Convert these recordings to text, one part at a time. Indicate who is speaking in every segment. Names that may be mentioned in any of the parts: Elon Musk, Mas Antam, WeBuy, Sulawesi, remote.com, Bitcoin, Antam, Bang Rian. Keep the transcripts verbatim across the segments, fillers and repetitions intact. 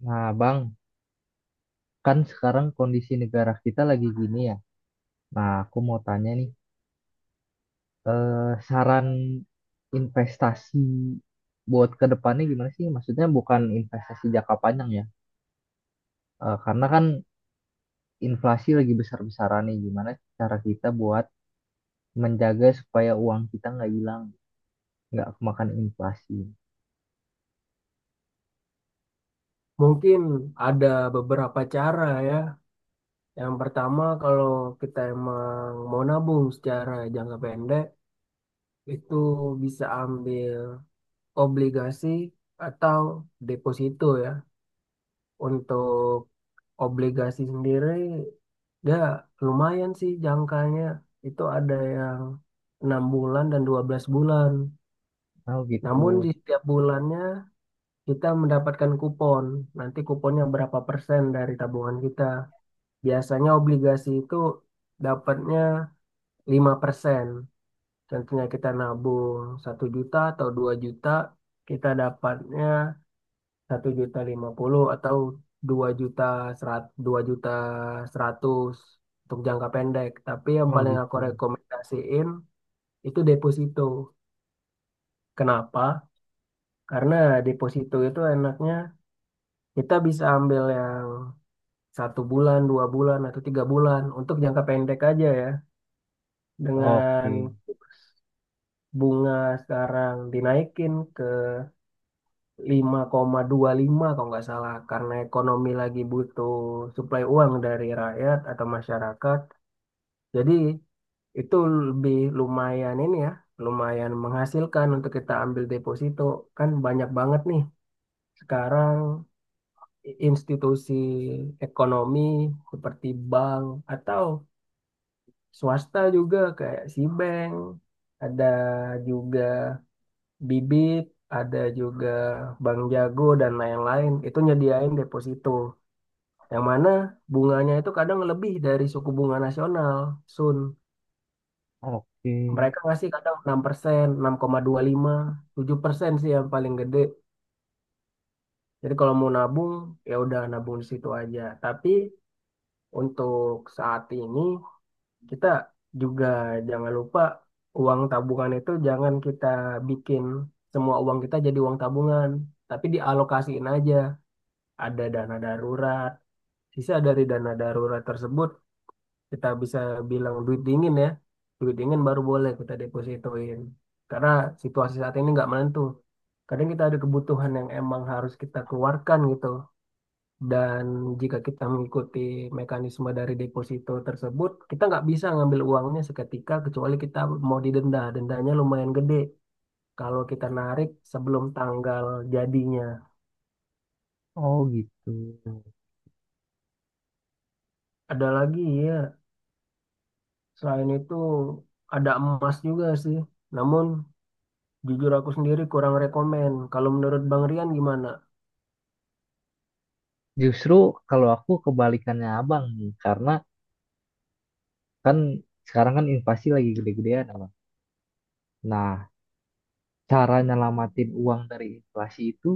Speaker 1: Nah, Bang, kan sekarang kondisi negara kita lagi gini ya. Nah, aku mau tanya nih, eh, saran investasi buat ke depannya gimana sih? Maksudnya bukan investasi jangka panjang ya. Eh, karena kan inflasi lagi besar-besaran nih. Gimana cara kita buat menjaga supaya uang kita nggak hilang, nggak kemakan inflasi.
Speaker 2: Mungkin ada beberapa cara ya. Yang pertama, kalau kita emang mau nabung secara jangka pendek, itu bisa ambil obligasi atau deposito ya. Untuk obligasi sendiri, ya lumayan sih jangkanya. Itu ada yang enam bulan dan dua belas bulan.
Speaker 1: Oh gitu.
Speaker 2: Namun di setiap bulannya kita mendapatkan kupon. Nanti kuponnya berapa persen dari tabungan kita. Biasanya obligasi itu dapatnya lima persen. Contohnya kita nabung satu juta atau dua juta, kita dapatnya satu juta lima puluh atau dua juta seratus, dua juta seratus untuk jangka pendek. Tapi yang
Speaker 1: Oh
Speaker 2: paling aku
Speaker 1: gitu.
Speaker 2: rekomendasiin itu deposito. Kenapa? Karena deposito itu enaknya kita bisa ambil yang satu bulan, dua bulan, atau tiga bulan untuk jangka pendek aja ya dengan
Speaker 1: Oke.
Speaker 2: bunga sekarang dinaikin ke lima koma dua puluh lima kalau nggak salah karena ekonomi lagi butuh suplai uang dari rakyat atau masyarakat. Jadi itu lebih lumayan ini ya, lumayan menghasilkan untuk kita ambil deposito. Kan banyak banget nih sekarang i- institusi ekonomi seperti bank atau swasta juga kayak si bank ada juga bibit, ada juga bank jago dan lain-lain. Itu nyediain deposito. Yang mana bunganya itu kadang lebih dari suku bunga nasional, Sun.
Speaker 1: Oke.
Speaker 2: Mereka ngasih kadang enam enam persen enam koma dua puluh lima tujuh persen sih yang paling gede. Jadi kalau mau nabung, ya udah nabung di situ aja. Tapi untuk saat ini, kita juga jangan lupa uang tabungan itu jangan kita bikin semua uang kita jadi uang tabungan. Tapi dialokasiin aja. Ada dana darurat. Sisa dari dana darurat tersebut kita bisa bilang duit dingin ya. Duit dingin baru boleh kita depositoin. Karena situasi saat ini nggak menentu. Kadang kita ada kebutuhan yang emang harus kita keluarkan gitu. Dan jika kita mengikuti mekanisme dari deposito tersebut, kita nggak bisa ngambil uangnya seketika kecuali kita mau didenda. Dendanya lumayan gede kalau kita narik sebelum tanggal jadinya.
Speaker 1: Oh gitu.
Speaker 2: Ada lagi ya. Selain itu ada emas juga sih. Namun jujur aku sendiri kurang rekomen. Kalau menurut Bang Rian gimana?
Speaker 1: Justru kalau aku kebalikannya abang nih, karena kan sekarang kan inflasi lagi gede-gedean, Abang. Nah, cara nyelamatin uang dari inflasi itu,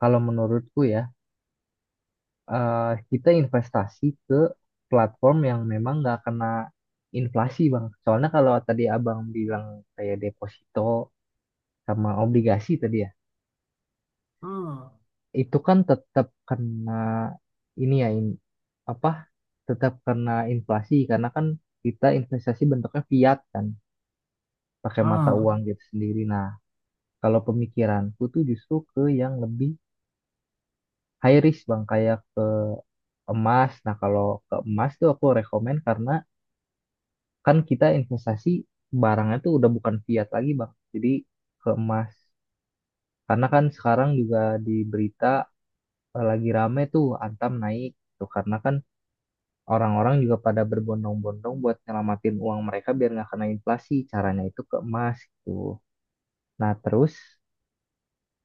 Speaker 1: kalau menurutku ya, eh, kita investasi ke platform yang memang nggak kena inflasi, Bang. Soalnya kalau tadi Abang bilang kayak deposito sama obligasi tadi ya,
Speaker 2: Hmm.
Speaker 1: itu kan tetap kena ini ya, in- apa, tetap kena inflasi karena kan kita investasi bentuknya fiat kan, pakai mata
Speaker 2: Hmm.
Speaker 1: uang gitu sendiri. Nah, kalau pemikiranku tuh justru ke yang lebih high risk bang, kayak ke emas. Nah kalau ke emas tuh aku rekomen karena kan kita investasi barangnya tuh udah bukan fiat lagi bang. Jadi ke emas. Karena kan sekarang juga di berita eh, lagi rame tuh Antam naik tuh karena kan orang-orang juga pada berbondong-bondong buat nyelamatin uang mereka biar nggak kena inflasi. Caranya itu ke emas gitu. Nah terus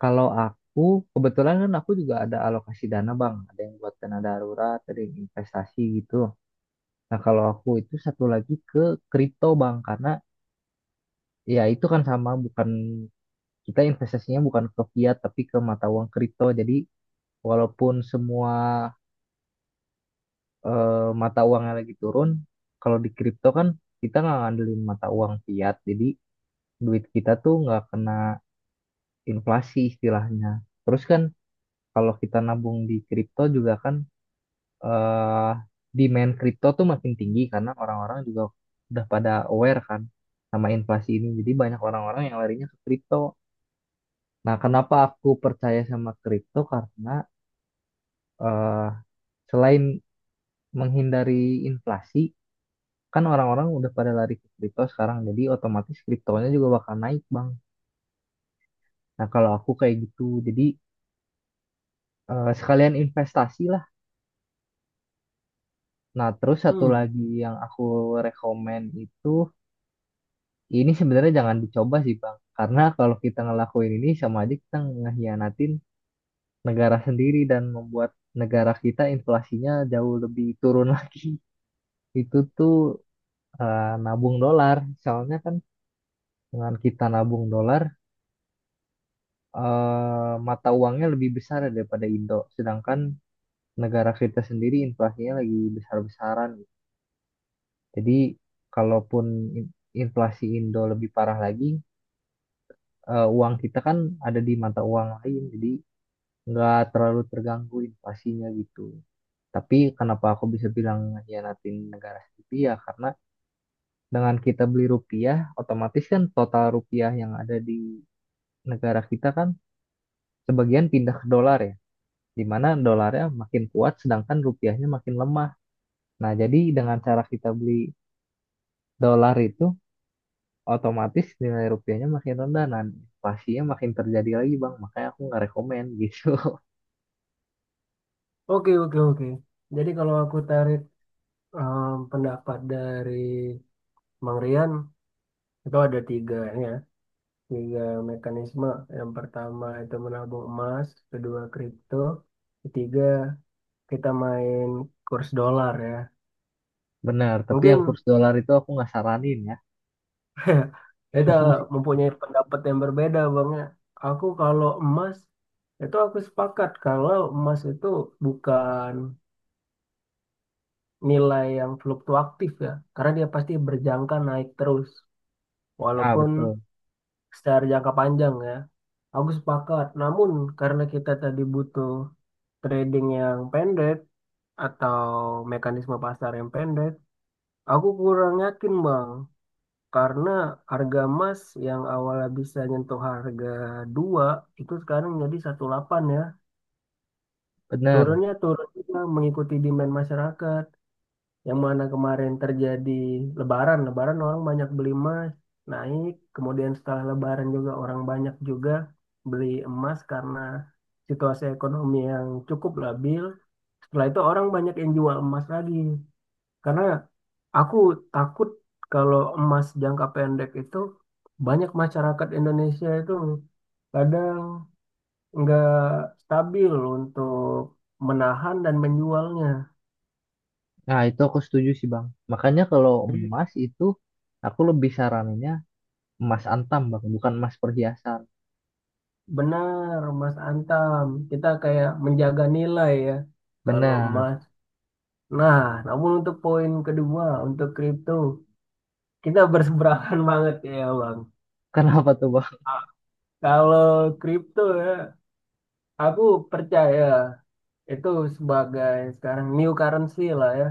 Speaker 1: kalau aku, kebetulan kan aku juga ada alokasi dana bang, ada yang buat dana darurat, ada yang investasi gitu. Nah kalau aku itu satu lagi ke kripto bang, karena ya itu kan sama, bukan kita investasinya bukan ke fiat tapi ke mata uang kripto. Jadi walaupun semua eh, mata uangnya lagi turun, kalau di kripto kan kita nggak ngandelin mata uang fiat, jadi duit kita tuh nggak kena inflasi istilahnya. Terus kan kalau kita nabung di kripto juga kan eh demand kripto tuh makin tinggi karena orang-orang juga udah pada aware kan sama inflasi ini. Jadi banyak orang-orang yang larinya ke kripto. Nah, kenapa aku percaya sama kripto? Karena eh selain menghindari inflasi, kan orang-orang udah pada lari ke kripto sekarang. Jadi otomatis kriptonya juga bakal naik, Bang. Nah, kalau aku kayak gitu, jadi eh, sekalian investasi lah. Nah, terus satu
Speaker 2: Hmm.
Speaker 1: lagi yang aku rekomen itu ini sebenarnya jangan dicoba sih Bang, karena kalau kita ngelakuin ini sama aja kita ngehianatin negara sendiri dan membuat negara kita inflasinya jauh lebih turun lagi. Itu tuh eh, nabung dolar, soalnya kan dengan kita nabung dolar eh, mata uangnya lebih besar daripada Indo, sedangkan negara kita sendiri inflasinya lagi besar-besaran. Jadi kalaupun in- inflasi Indo lebih parah lagi, eh, uang kita kan ada di mata uang lain, jadi nggak terlalu terganggu invasinya gitu. Tapi kenapa aku bisa bilang ngehianatin negara sendiri ya karena dengan kita beli rupiah, otomatis kan total rupiah yang ada di negara kita kan sebagian pindah ke dolar ya, di mana dolarnya makin kuat sedangkan rupiahnya makin lemah. Nah, jadi dengan cara kita beli dolar itu otomatis nilai rupiahnya makin rendah, nah inflasinya makin terjadi lagi bang, makanya aku nggak rekomen gitu.
Speaker 2: Oke, oke, oke. Jadi kalau aku tarik em, pendapat dari Bang Rian itu ada tiga ya. Tiga mekanisme. Yang pertama itu menabung emas, kedua kripto, ketiga kita main kurs dolar ya.
Speaker 1: Benar, tapi
Speaker 2: Mungkin
Speaker 1: yang kurs dolar itu aku nggak saranin ya.
Speaker 2: kita mempunyai pendapat yang berbeda, Bang. Ya. Aku kalau emas itu aku sepakat kalau emas itu bukan nilai yang fluktuatif ya, karena dia pasti berjangka naik terus,
Speaker 1: Ah,
Speaker 2: walaupun
Speaker 1: betul.
Speaker 2: secara jangka panjang ya. Aku sepakat. Namun karena kita tadi butuh trading yang pendek atau mekanisme pasar yang pendek, aku kurang yakin, Bang. Karena harga emas yang awalnya bisa nyentuh harga dua itu sekarang jadi satu koma delapan ya.
Speaker 1: Bener.
Speaker 2: Turunnya turun juga mengikuti demand masyarakat. Yang mana kemarin terjadi lebaran, lebaran orang banyak beli emas, naik. Kemudian setelah lebaran juga orang banyak juga beli emas karena situasi ekonomi yang cukup labil. Setelah itu orang banyak yang jual emas lagi. Karena aku takut kalau emas jangka pendek itu banyak masyarakat Indonesia itu kadang nggak stabil untuk menahan dan menjualnya.
Speaker 1: Nah, itu aku setuju sih, Bang. Makanya kalau
Speaker 2: Jadi
Speaker 1: emas itu aku lebih saraninnya emas antam, Bang, bukan emas perhiasan.
Speaker 2: benar, Mas Antam. Kita kayak menjaga nilai ya kalau
Speaker 1: Benar.
Speaker 2: emas. Nah, namun untuk poin kedua, untuk kripto, kita berseberangan banget ya, Bang.
Speaker 1: Kenapa tuh, Bang?
Speaker 2: Kalau kripto ya, aku percaya itu sebagai sekarang new currency lah ya.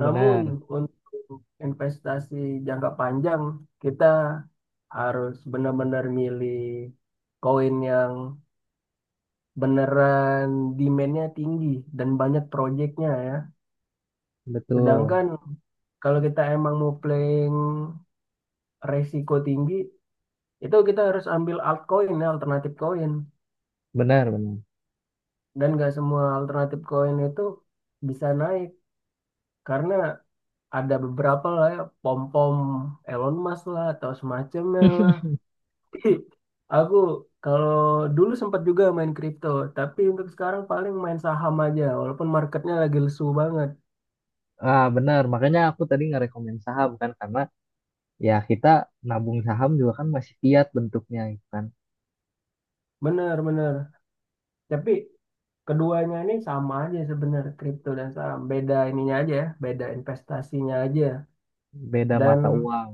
Speaker 2: Namun untuk investasi jangka panjang kita harus benar-benar milih koin yang beneran demand-nya tinggi dan banyak proyeknya ya.
Speaker 1: Betul.
Speaker 2: Sedangkan kalau kita emang mau playing resiko tinggi itu kita harus ambil altcoin ya, alternatif koin
Speaker 1: Benar, benar.
Speaker 2: dan nggak semua alternatif koin itu bisa naik karena ada beberapa lah ya pom-pom Elon Musk lah atau semacamnya lah. Aku kalau dulu sempat juga main kripto, tapi untuk sekarang paling main saham aja, walaupun marketnya lagi lesu banget.
Speaker 1: Ah, benar. Makanya aku tadi ngerekomen saham kan karena ya kita nabung saham juga kan masih fiat bentuknya gitu kan.
Speaker 2: Bener-bener. Tapi keduanya ini sama aja sebenarnya kripto dan saham. Beda ininya aja, ya, beda investasinya aja.
Speaker 1: Beda mata
Speaker 2: Dan
Speaker 1: uang.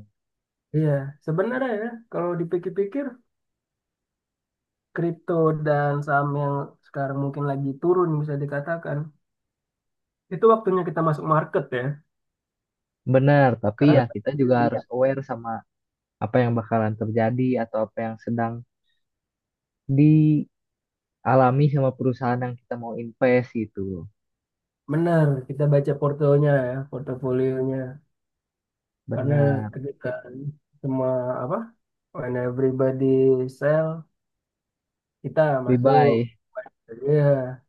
Speaker 2: iya, sebenarnya ya kalau dipikir-pikir kripto dan saham yang sekarang mungkin lagi turun bisa dikatakan. Itu waktunya kita masuk market ya.
Speaker 1: Benar, tapi
Speaker 2: Karena
Speaker 1: ya
Speaker 2: Ber-
Speaker 1: kita juga harus
Speaker 2: iya.
Speaker 1: aware sama apa yang bakalan terjadi atau apa yang sedang dialami sama perusahaan yang kita mau invest gitu.
Speaker 2: Benar kita baca portonya ya, portofolionya. Karena
Speaker 1: Benar,
Speaker 2: ketika semua apa when everybody sell kita masuk.
Speaker 1: WeBuy.
Speaker 2: Iya,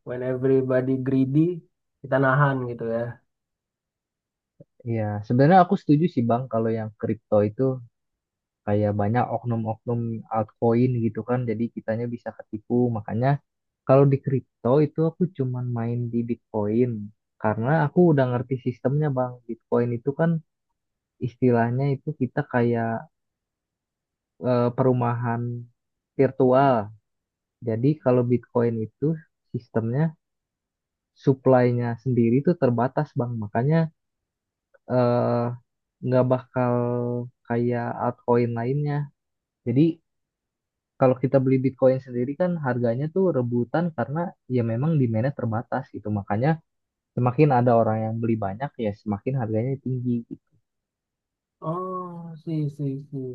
Speaker 2: when everybody greedy kita nahan gitu ya.
Speaker 1: Iya, sebenarnya aku setuju sih Bang kalau yang kripto itu kayak banyak oknum-oknum altcoin gitu kan, jadi kitanya bisa ketipu. Makanya kalau di kripto itu aku cuman main di Bitcoin karena aku udah ngerti sistemnya Bang. Bitcoin itu kan istilahnya itu kita kayak eh, perumahan virtual. Jadi kalau Bitcoin itu sistemnya supply-nya sendiri itu terbatas Bang. Makanya eh, nggak bakal kayak altcoin lainnya. Jadi kalau kita beli Bitcoin sendiri kan harganya tuh rebutan karena ya memang demand-nya terbatas gitu. Makanya semakin ada orang yang beli banyak ya semakin harganya tinggi. Gitu.
Speaker 2: Oh, sih sih sih.